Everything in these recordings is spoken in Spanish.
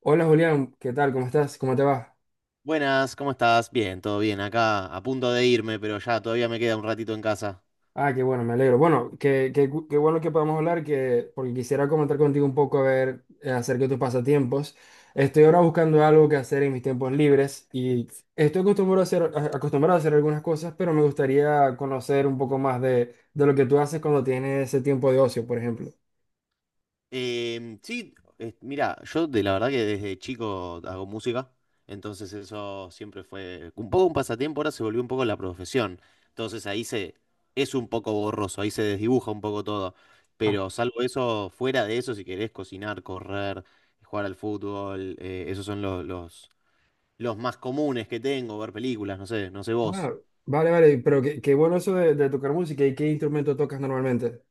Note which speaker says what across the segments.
Speaker 1: Hola Julián, ¿qué tal? ¿Cómo estás? ¿Cómo te va?
Speaker 2: Buenas, ¿cómo estás? Bien, todo bien. Acá a punto de irme, pero ya todavía me queda un ratito en casa.
Speaker 1: Ah, qué bueno, me alegro. Bueno, qué bueno que podamos hablar, porque quisiera comentar contigo un poco a ver, acerca de tus pasatiempos. Estoy ahora buscando algo que hacer en mis tiempos libres y estoy acostumbrado a hacer, acostumbrado a hacer algunas cosas, pero me gustaría conocer un poco más de lo que tú haces cuando tienes ese tiempo de ocio, por ejemplo.
Speaker 2: Mira, yo de la verdad que desde chico hago música, entonces eso siempre fue un poco un pasatiempo, ahora se volvió un poco la profesión. Entonces ahí se Es un poco borroso, ahí se desdibuja un poco todo.
Speaker 1: Ah,
Speaker 2: Pero salvo eso, fuera de eso, si querés cocinar, correr, jugar al fútbol, esos son los más comunes que tengo, ver películas, no sé, no sé vos.
Speaker 1: ah, vale, vale, pero qué bueno eso de tocar música. ¿Y qué instrumento tocas normalmente?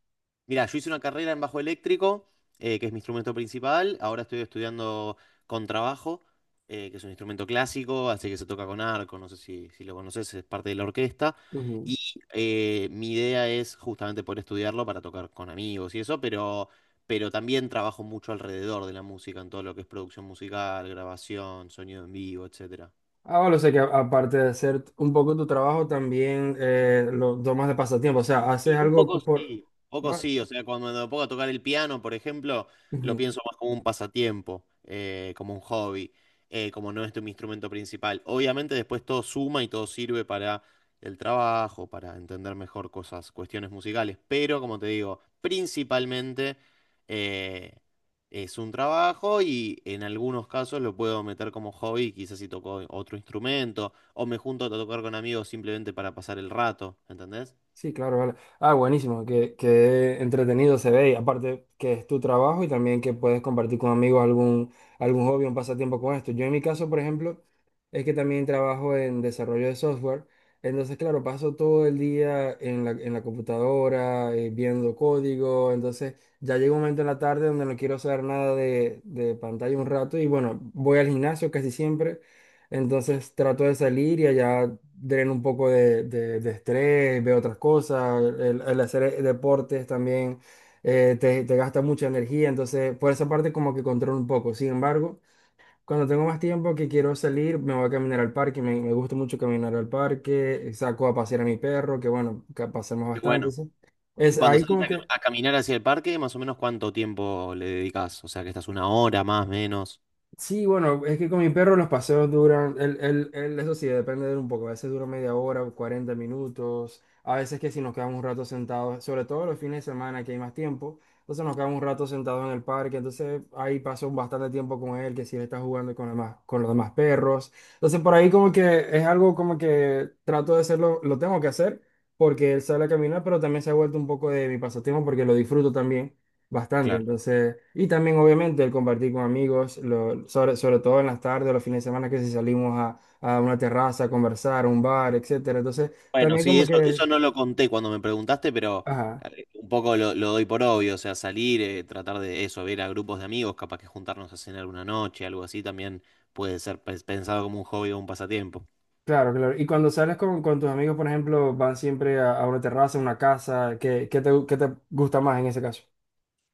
Speaker 2: Mira, yo hice una carrera en bajo eléctrico, que es mi instrumento principal. Ahora estoy estudiando contrabajo, que es un instrumento clásico, así que se toca con arco. No sé si lo conoces, es parte de la orquesta. Y Mi idea es justamente poder estudiarlo para tocar con amigos y eso, pero también trabajo mucho alrededor de la música, en todo lo que es producción musical, grabación, sonido en vivo, etcétera.
Speaker 1: Ah, bueno, o sea que aparte de hacer un poco tu trabajo, también lo tomas de pasatiempo. O sea, haces
Speaker 2: Y
Speaker 1: algo por...
Speaker 2: un poco
Speaker 1: Ah,
Speaker 2: sí, o sea, cuando me pongo a tocar el piano, por ejemplo, lo
Speaker 1: ujú.
Speaker 2: pienso más como un pasatiempo, como un hobby, como no es mi instrumento principal. Obviamente después todo suma y todo sirve para el trabajo, para entender mejor cosas, cuestiones musicales, pero como te digo, principalmente eh, es un trabajo y en algunos casos lo puedo meter como hobby, quizás si toco otro instrumento, o me junto a tocar con amigos simplemente para pasar el rato, ¿entendés?
Speaker 1: Sí, claro, vale. Ah, buenísimo, que entretenido se ve. Y aparte que es tu trabajo y también que puedes compartir con amigos algún, algún hobby, un pasatiempo con esto. Yo en mi caso, por ejemplo... es que también trabajo en desarrollo de software. Entonces, claro, paso todo el día en la computadora, viendo código. Entonces, ya llega un momento en la tarde donde no quiero saber nada de, de pantalla un rato. Y bueno, voy al gimnasio casi siempre. Entonces, trato de salir y allá dreno un poco de, de estrés, veo otras cosas. El hacer deportes también te, te gasta mucha energía. Entonces, por esa parte, como que controlo un poco. Sin embargo. Cuando tengo más tiempo que quiero salir, me voy a caminar al parque. Me gusta mucho caminar al parque. Saco a pasear a mi perro, que bueno, que pasamos
Speaker 2: Qué
Speaker 1: bastante,
Speaker 2: bueno.
Speaker 1: ¿sí?
Speaker 2: Y
Speaker 1: Es
Speaker 2: cuando
Speaker 1: ahí
Speaker 2: salís
Speaker 1: como que
Speaker 2: a caminar hacia el parque, más o menos ¿cuánto tiempo le dedicas? O sea, ¿que estás una hora más, menos?
Speaker 1: sí, bueno, es que con mi perro los paseos duran, eso sí, depende de él un poco, a veces dura media hora, 40 minutos, a veces que si nos quedamos un rato sentados, sobre todo los fines de semana que hay más tiempo, entonces nos quedamos un rato sentados en el parque, entonces ahí paso bastante tiempo con él, que si él está jugando con, con los demás perros, entonces por ahí como que es algo como que trato de hacerlo, lo tengo que hacer, porque él sale a caminar, pero también se ha vuelto un poco de mi pasatiempo porque lo disfruto también. Bastante,
Speaker 2: Claro.
Speaker 1: entonces, y también obviamente el compartir con amigos, sobre, sobre todo en las tardes, o los fines de semana que si salimos a una terraza a conversar, a un bar, etcétera. Entonces,
Speaker 2: Bueno,
Speaker 1: también
Speaker 2: sí,
Speaker 1: como
Speaker 2: eso,
Speaker 1: que,
Speaker 2: eso no lo conté cuando me preguntaste, pero
Speaker 1: ajá,
Speaker 2: un poco lo doy por obvio, o sea, salir, tratar de eso, ver a grupos de amigos, capaz que juntarnos a cenar una noche, algo así, también puede ser pensado como un hobby o un pasatiempo.
Speaker 1: claro, claro. Y cuando sales con tus amigos, por ejemplo, van siempre a una terraza, a una casa, ¿qué, qué te gusta más en ese caso?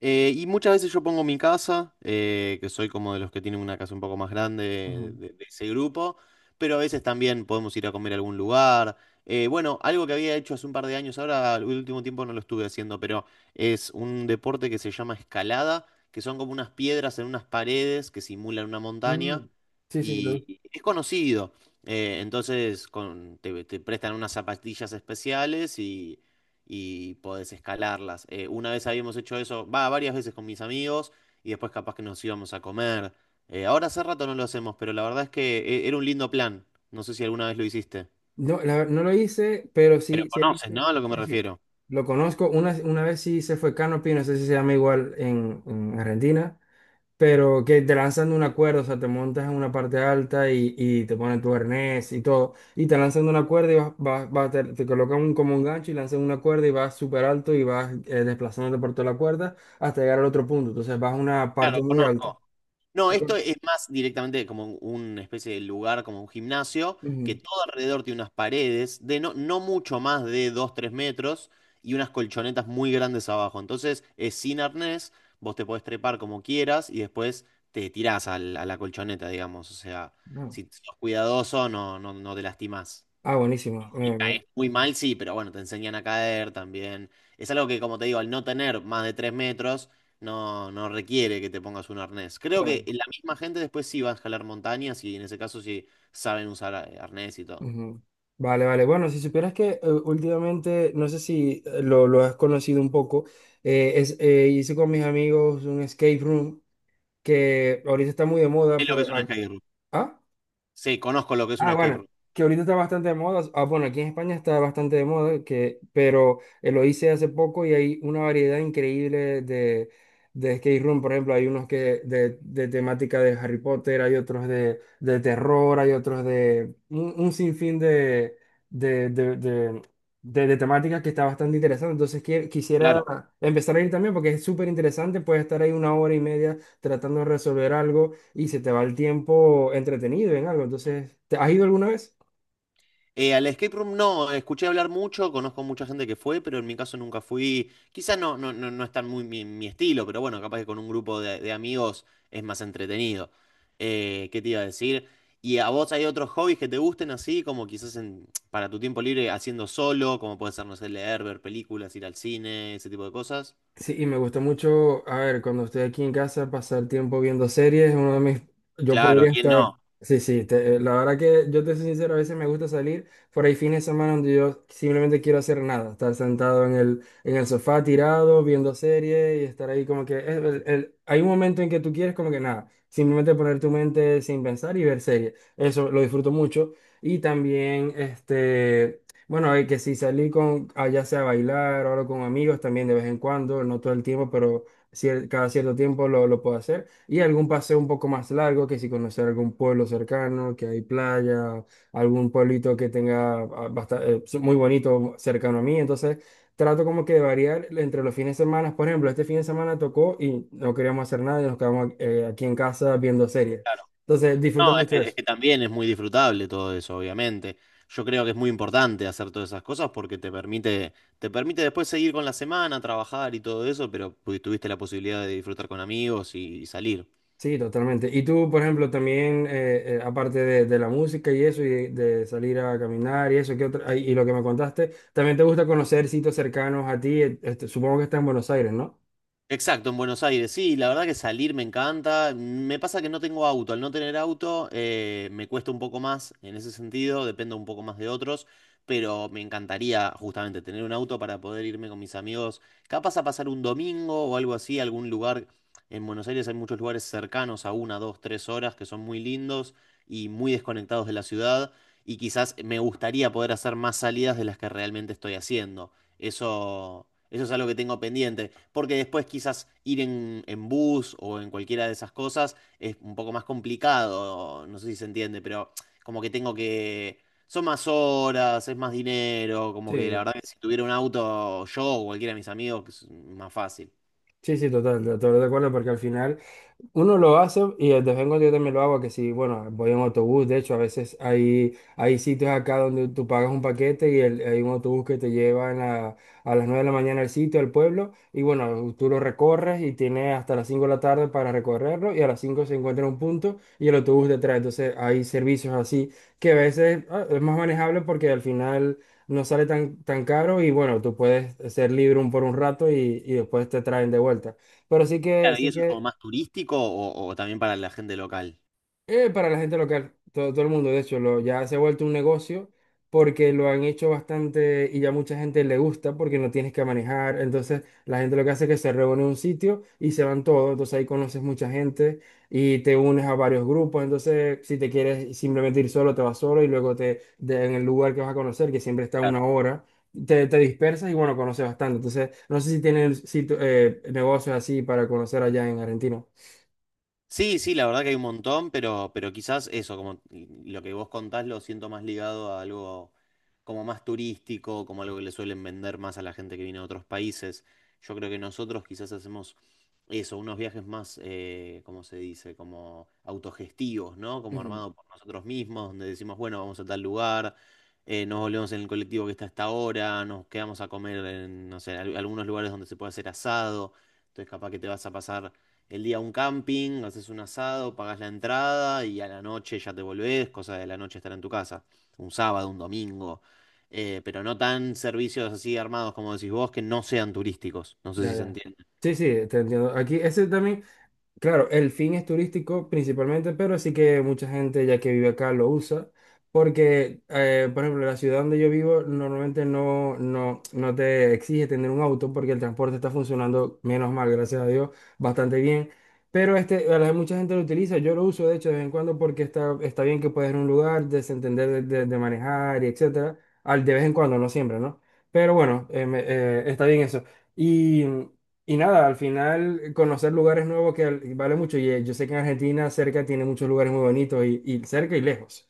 Speaker 2: Y muchas veces yo pongo mi casa, que soy como de los que tienen una casa un poco más grande
Speaker 1: Ujú.
Speaker 2: de ese grupo, pero a veces también podemos ir a comer a algún lugar. Bueno, algo que había hecho hace un par de años, ahora el último tiempo no lo estuve haciendo, pero es un deporte que se llama escalada, que son como unas piedras en unas paredes que simulan una
Speaker 1: Mm,
Speaker 2: montaña
Speaker 1: sí, sí,
Speaker 2: y es conocido. Entonces te prestan unas zapatillas especiales y podés escalarlas. Una vez habíamos hecho eso, varias veces con mis amigos y después capaz que nos íbamos a comer. Ahora hace rato no lo hacemos, pero la verdad es que era un lindo plan. No sé si alguna vez lo hiciste.
Speaker 1: no, no lo hice, pero
Speaker 2: Pero
Speaker 1: sí, sí he
Speaker 2: conoces,
Speaker 1: visto,
Speaker 2: ¿no? A lo que me
Speaker 1: sí, sí,
Speaker 2: refiero.
Speaker 1: lo conozco. Una vez sí se fue Canopy, no sé si se llama igual en Argentina, pero que te lanzan de una cuerda, o sea, te montas en una parte alta y te ponen tu arnés y todo, y te lanzan de una cuerda y vas, te, te colocan como un gancho y lanzan una cuerda y vas súper alto y vas desplazándote por toda la cuerda hasta llegar al otro punto, entonces vas a una
Speaker 2: Claro,
Speaker 1: parte muy
Speaker 2: conozco.
Speaker 1: alta.
Speaker 2: No, esto es más directamente como una especie de lugar, como un gimnasio, que
Speaker 1: Ujú.
Speaker 2: todo alrededor tiene unas paredes de no mucho más de dos tres metros y unas colchonetas muy grandes abajo. Entonces es sin arnés, vos te podés trepar como quieras y después te tirás a la colchoneta, digamos. O sea,
Speaker 1: Ah,
Speaker 2: si sos cuidadoso, no, no, no te lastimás.
Speaker 1: ah, buenísimo.
Speaker 2: Y caes muy mal, sí, pero bueno, te enseñan a caer también. Es algo que, como te digo, al no tener más de tres metros, no requiere que te pongas un arnés. Creo que
Speaker 1: Claro.
Speaker 2: la misma gente después sí va a escalar montañas y en ese caso sí saben usar arnés y todo.
Speaker 1: Ujú. Vale, vale. Bueno, si supieras que últimamente, no sé si lo has conocido un poco, hice con mis amigos un escape room que ahorita está muy de moda.
Speaker 2: ¿Es lo que es un escape room?
Speaker 1: Ah,
Speaker 2: Sí, conozco lo que es un
Speaker 1: ah,
Speaker 2: escape
Speaker 1: bueno,
Speaker 2: room.
Speaker 1: que ahorita está bastante de moda. Ah, bueno, aquí en España está bastante de moda, pero lo hice hace poco y hay una variedad increíble de skate room. Por ejemplo, hay unos que de temática de Harry Potter, hay otros de terror, hay otros de un sinfín de, de, de, de temáticas que está bastante interesante. Entonces, quisiera
Speaker 2: Claro.
Speaker 1: empezar a ir también porque es súper interesante. Puedes estar ahí 1 hora y media tratando de resolver algo y se te va el tiempo entretenido en algo. Entonces, ¿te has ido alguna vez?
Speaker 2: Al escape room no, escuché hablar mucho, conozco mucha gente que fue, pero en mi caso nunca fui. Quizás no es tan muy mi estilo, pero bueno, capaz que con un grupo de amigos es más entretenido. ¿Qué te iba a decir? ¿Y a vos hay otros hobbies que te gusten así, como quizás en, para tu tiempo libre haciendo solo, como puede ser, no sé, leer, ver películas, ir al cine, ese tipo de cosas?
Speaker 1: Sí, y me gusta mucho, a ver, cuando estoy aquí en casa, pasar tiempo viendo series, uno de mis, yo
Speaker 2: Claro,
Speaker 1: podría
Speaker 2: ¿quién
Speaker 1: estar,
Speaker 2: no?
Speaker 1: sí, sí, la verdad que yo te soy sincero, a veces me gusta salir por ahí fines de semana donde yo simplemente quiero hacer nada, estar sentado en el sofá tirado, viendo series y estar ahí como que, hay un momento en que tú quieres como que nada, simplemente poner tu mente sin pensar y ver series, eso lo disfruto mucho. Y también, este, bueno, y que si salí con, ah, ya sea a bailar o algo con amigos también de vez en cuando, no todo el tiempo, pero cada cierto tiempo lo puedo hacer. Y algún paseo un poco más largo, que si conocer algún pueblo cercano, que hay playa, algún pueblito que tenga muy bonito cercano a mí. Entonces, trato como que de variar entre los fines de semana. Por ejemplo, este fin de semana tocó y no queríamos hacer nada y nos quedamos aquí en casa viendo series. Entonces, disfruto
Speaker 2: No,
Speaker 1: mucho
Speaker 2: es
Speaker 1: eso.
Speaker 2: que también es muy disfrutable todo eso, obviamente. Yo creo que es muy importante hacer todas esas cosas porque te permite después seguir con la semana, trabajar y todo eso, pero tuviste la posibilidad de disfrutar con amigos y salir.
Speaker 1: Sí, totalmente. Y tú, por ejemplo, también, aparte de la música y eso, y de salir a caminar y eso, ¿qué otra- ay, y lo que me contaste, también te gusta conocer sitios cercanos a ti, este, supongo que está en Buenos Aires, ¿no?
Speaker 2: Exacto, en Buenos Aires, sí, la verdad que salir me encanta. Mm, me pasa que no tengo auto, al no tener auto me cuesta un poco más en ese sentido, dependo un poco más de otros, pero me encantaría justamente tener un auto para poder irme con mis amigos, capaz a pasar un domingo o algo así, algún lugar. En Buenos Aires hay muchos lugares cercanos a una, dos, tres horas que son muy lindos y muy desconectados de la ciudad y quizás me gustaría poder hacer más salidas de las que realmente estoy haciendo. Eso... Eso es algo que tengo pendiente, porque después quizás ir en bus o en cualquiera de esas cosas es un poco más complicado, no sé si se entiende, pero como que tengo que... Son más horas, es más dinero, como que la
Speaker 1: Sí.
Speaker 2: verdad que si tuviera un auto yo o cualquiera de mis amigos que es más fácil.
Speaker 1: Sí, sí, total, todo de acuerdo, porque al final... Uno lo hace y de vez en cuando yo también lo hago, que si, bueno, voy en autobús, de hecho, a veces hay, hay sitios acá donde tú pagas un paquete y hay un autobús que te lleva en a las 9 de la mañana al sitio, al pueblo, y bueno, tú lo recorres y tienes hasta las 5 de la tarde para recorrerlo y a las 5 se encuentra en un punto y el autobús te trae. Entonces hay servicios así que a veces ah, es más manejable porque al final no sale tan, tan caro y bueno, tú puedes ser libre un, por un rato y después te traen de vuelta. Pero
Speaker 2: Claro, y
Speaker 1: sí
Speaker 2: eso es como
Speaker 1: que
Speaker 2: más turístico o también para la gente local.
Speaker 1: eh, para la gente local, todo, todo el mundo, de hecho, lo, ya se ha vuelto un negocio porque lo han hecho bastante y ya mucha gente le gusta porque no tienes que manejar. Entonces, la gente lo que hace es que se reúne en un sitio y se van todos. Entonces, ahí conoces mucha gente y te unes a varios grupos. Entonces, si te quieres simplemente ir solo, te vas solo y luego te, en el lugar que vas a conocer, que siempre está una
Speaker 2: Claro.
Speaker 1: hora, te, te dispersas y bueno, conoces bastante. Entonces, no sé si tienen negocios así para conocer allá en Argentina.
Speaker 2: Sí, sí, la verdad que hay un montón, pero quizás eso, como lo que vos contás, lo siento más ligado a algo como más turístico, como algo que le suelen vender más a la gente que viene de otros países. Yo creo que nosotros quizás hacemos eso, unos viajes más, ¿cómo se dice? Como autogestivos, ¿no? Como armados por nosotros mismos, donde decimos, bueno, vamos a tal lugar, nos volvemos en el colectivo que está a esta hora, nos quedamos a comer en, no sé, algunos lugares donde se puede hacer asado, entonces capaz que te vas a pasar el día un camping, haces un asado, pagas la entrada y a la noche ya te volvés, cosa de la noche estar en tu casa, un sábado, un domingo. Pero no tan servicios así armados como decís vos que no sean turísticos, no sé
Speaker 1: Ya,
Speaker 2: si se
Speaker 1: ya.
Speaker 2: entiende.
Speaker 1: Sí, sí, te entiendo. Aquí, ese también, claro, el fin es turístico principalmente, pero sí que mucha gente ya que vive acá lo usa, porque, por ejemplo, la ciudad donde yo vivo normalmente no, no, no te exige tener un auto porque el transporte está funcionando, menos mal, gracias a Dios, bastante bien. Pero este, mucha gente lo utiliza, yo lo uso de hecho de vez en cuando porque está, está bien que puedes ir a un lugar, desentender de, de manejar y etcétera, al de vez en cuando, no siempre, ¿no? Pero bueno, está bien eso. Y y nada, al final conocer lugares nuevos que vale mucho. Y yo sé que en Argentina cerca tiene muchos lugares muy bonitos y cerca y lejos.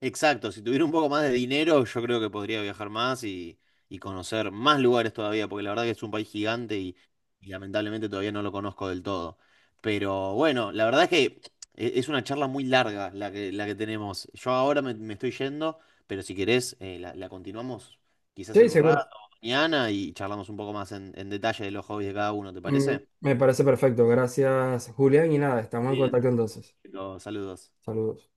Speaker 2: Exacto, si tuviera un poco más de dinero, yo creo que podría viajar más y conocer más lugares todavía, porque la verdad que es un país gigante y lamentablemente todavía no lo conozco del todo. Pero bueno, la verdad es que es una charla muy larga la que tenemos. Yo ahora me estoy yendo, pero si querés, la continuamos quizás
Speaker 1: Sí,
Speaker 2: en un rato,
Speaker 1: seguro.
Speaker 2: mañana, y charlamos un poco más en detalle de los hobbies de cada uno, ¿te
Speaker 1: Mm,
Speaker 2: parece?
Speaker 1: me parece perfecto. Gracias, Julián. Y nada, estamos en
Speaker 2: Bien,
Speaker 1: contacto entonces.
Speaker 2: perfecto, saludos.
Speaker 1: Saludos.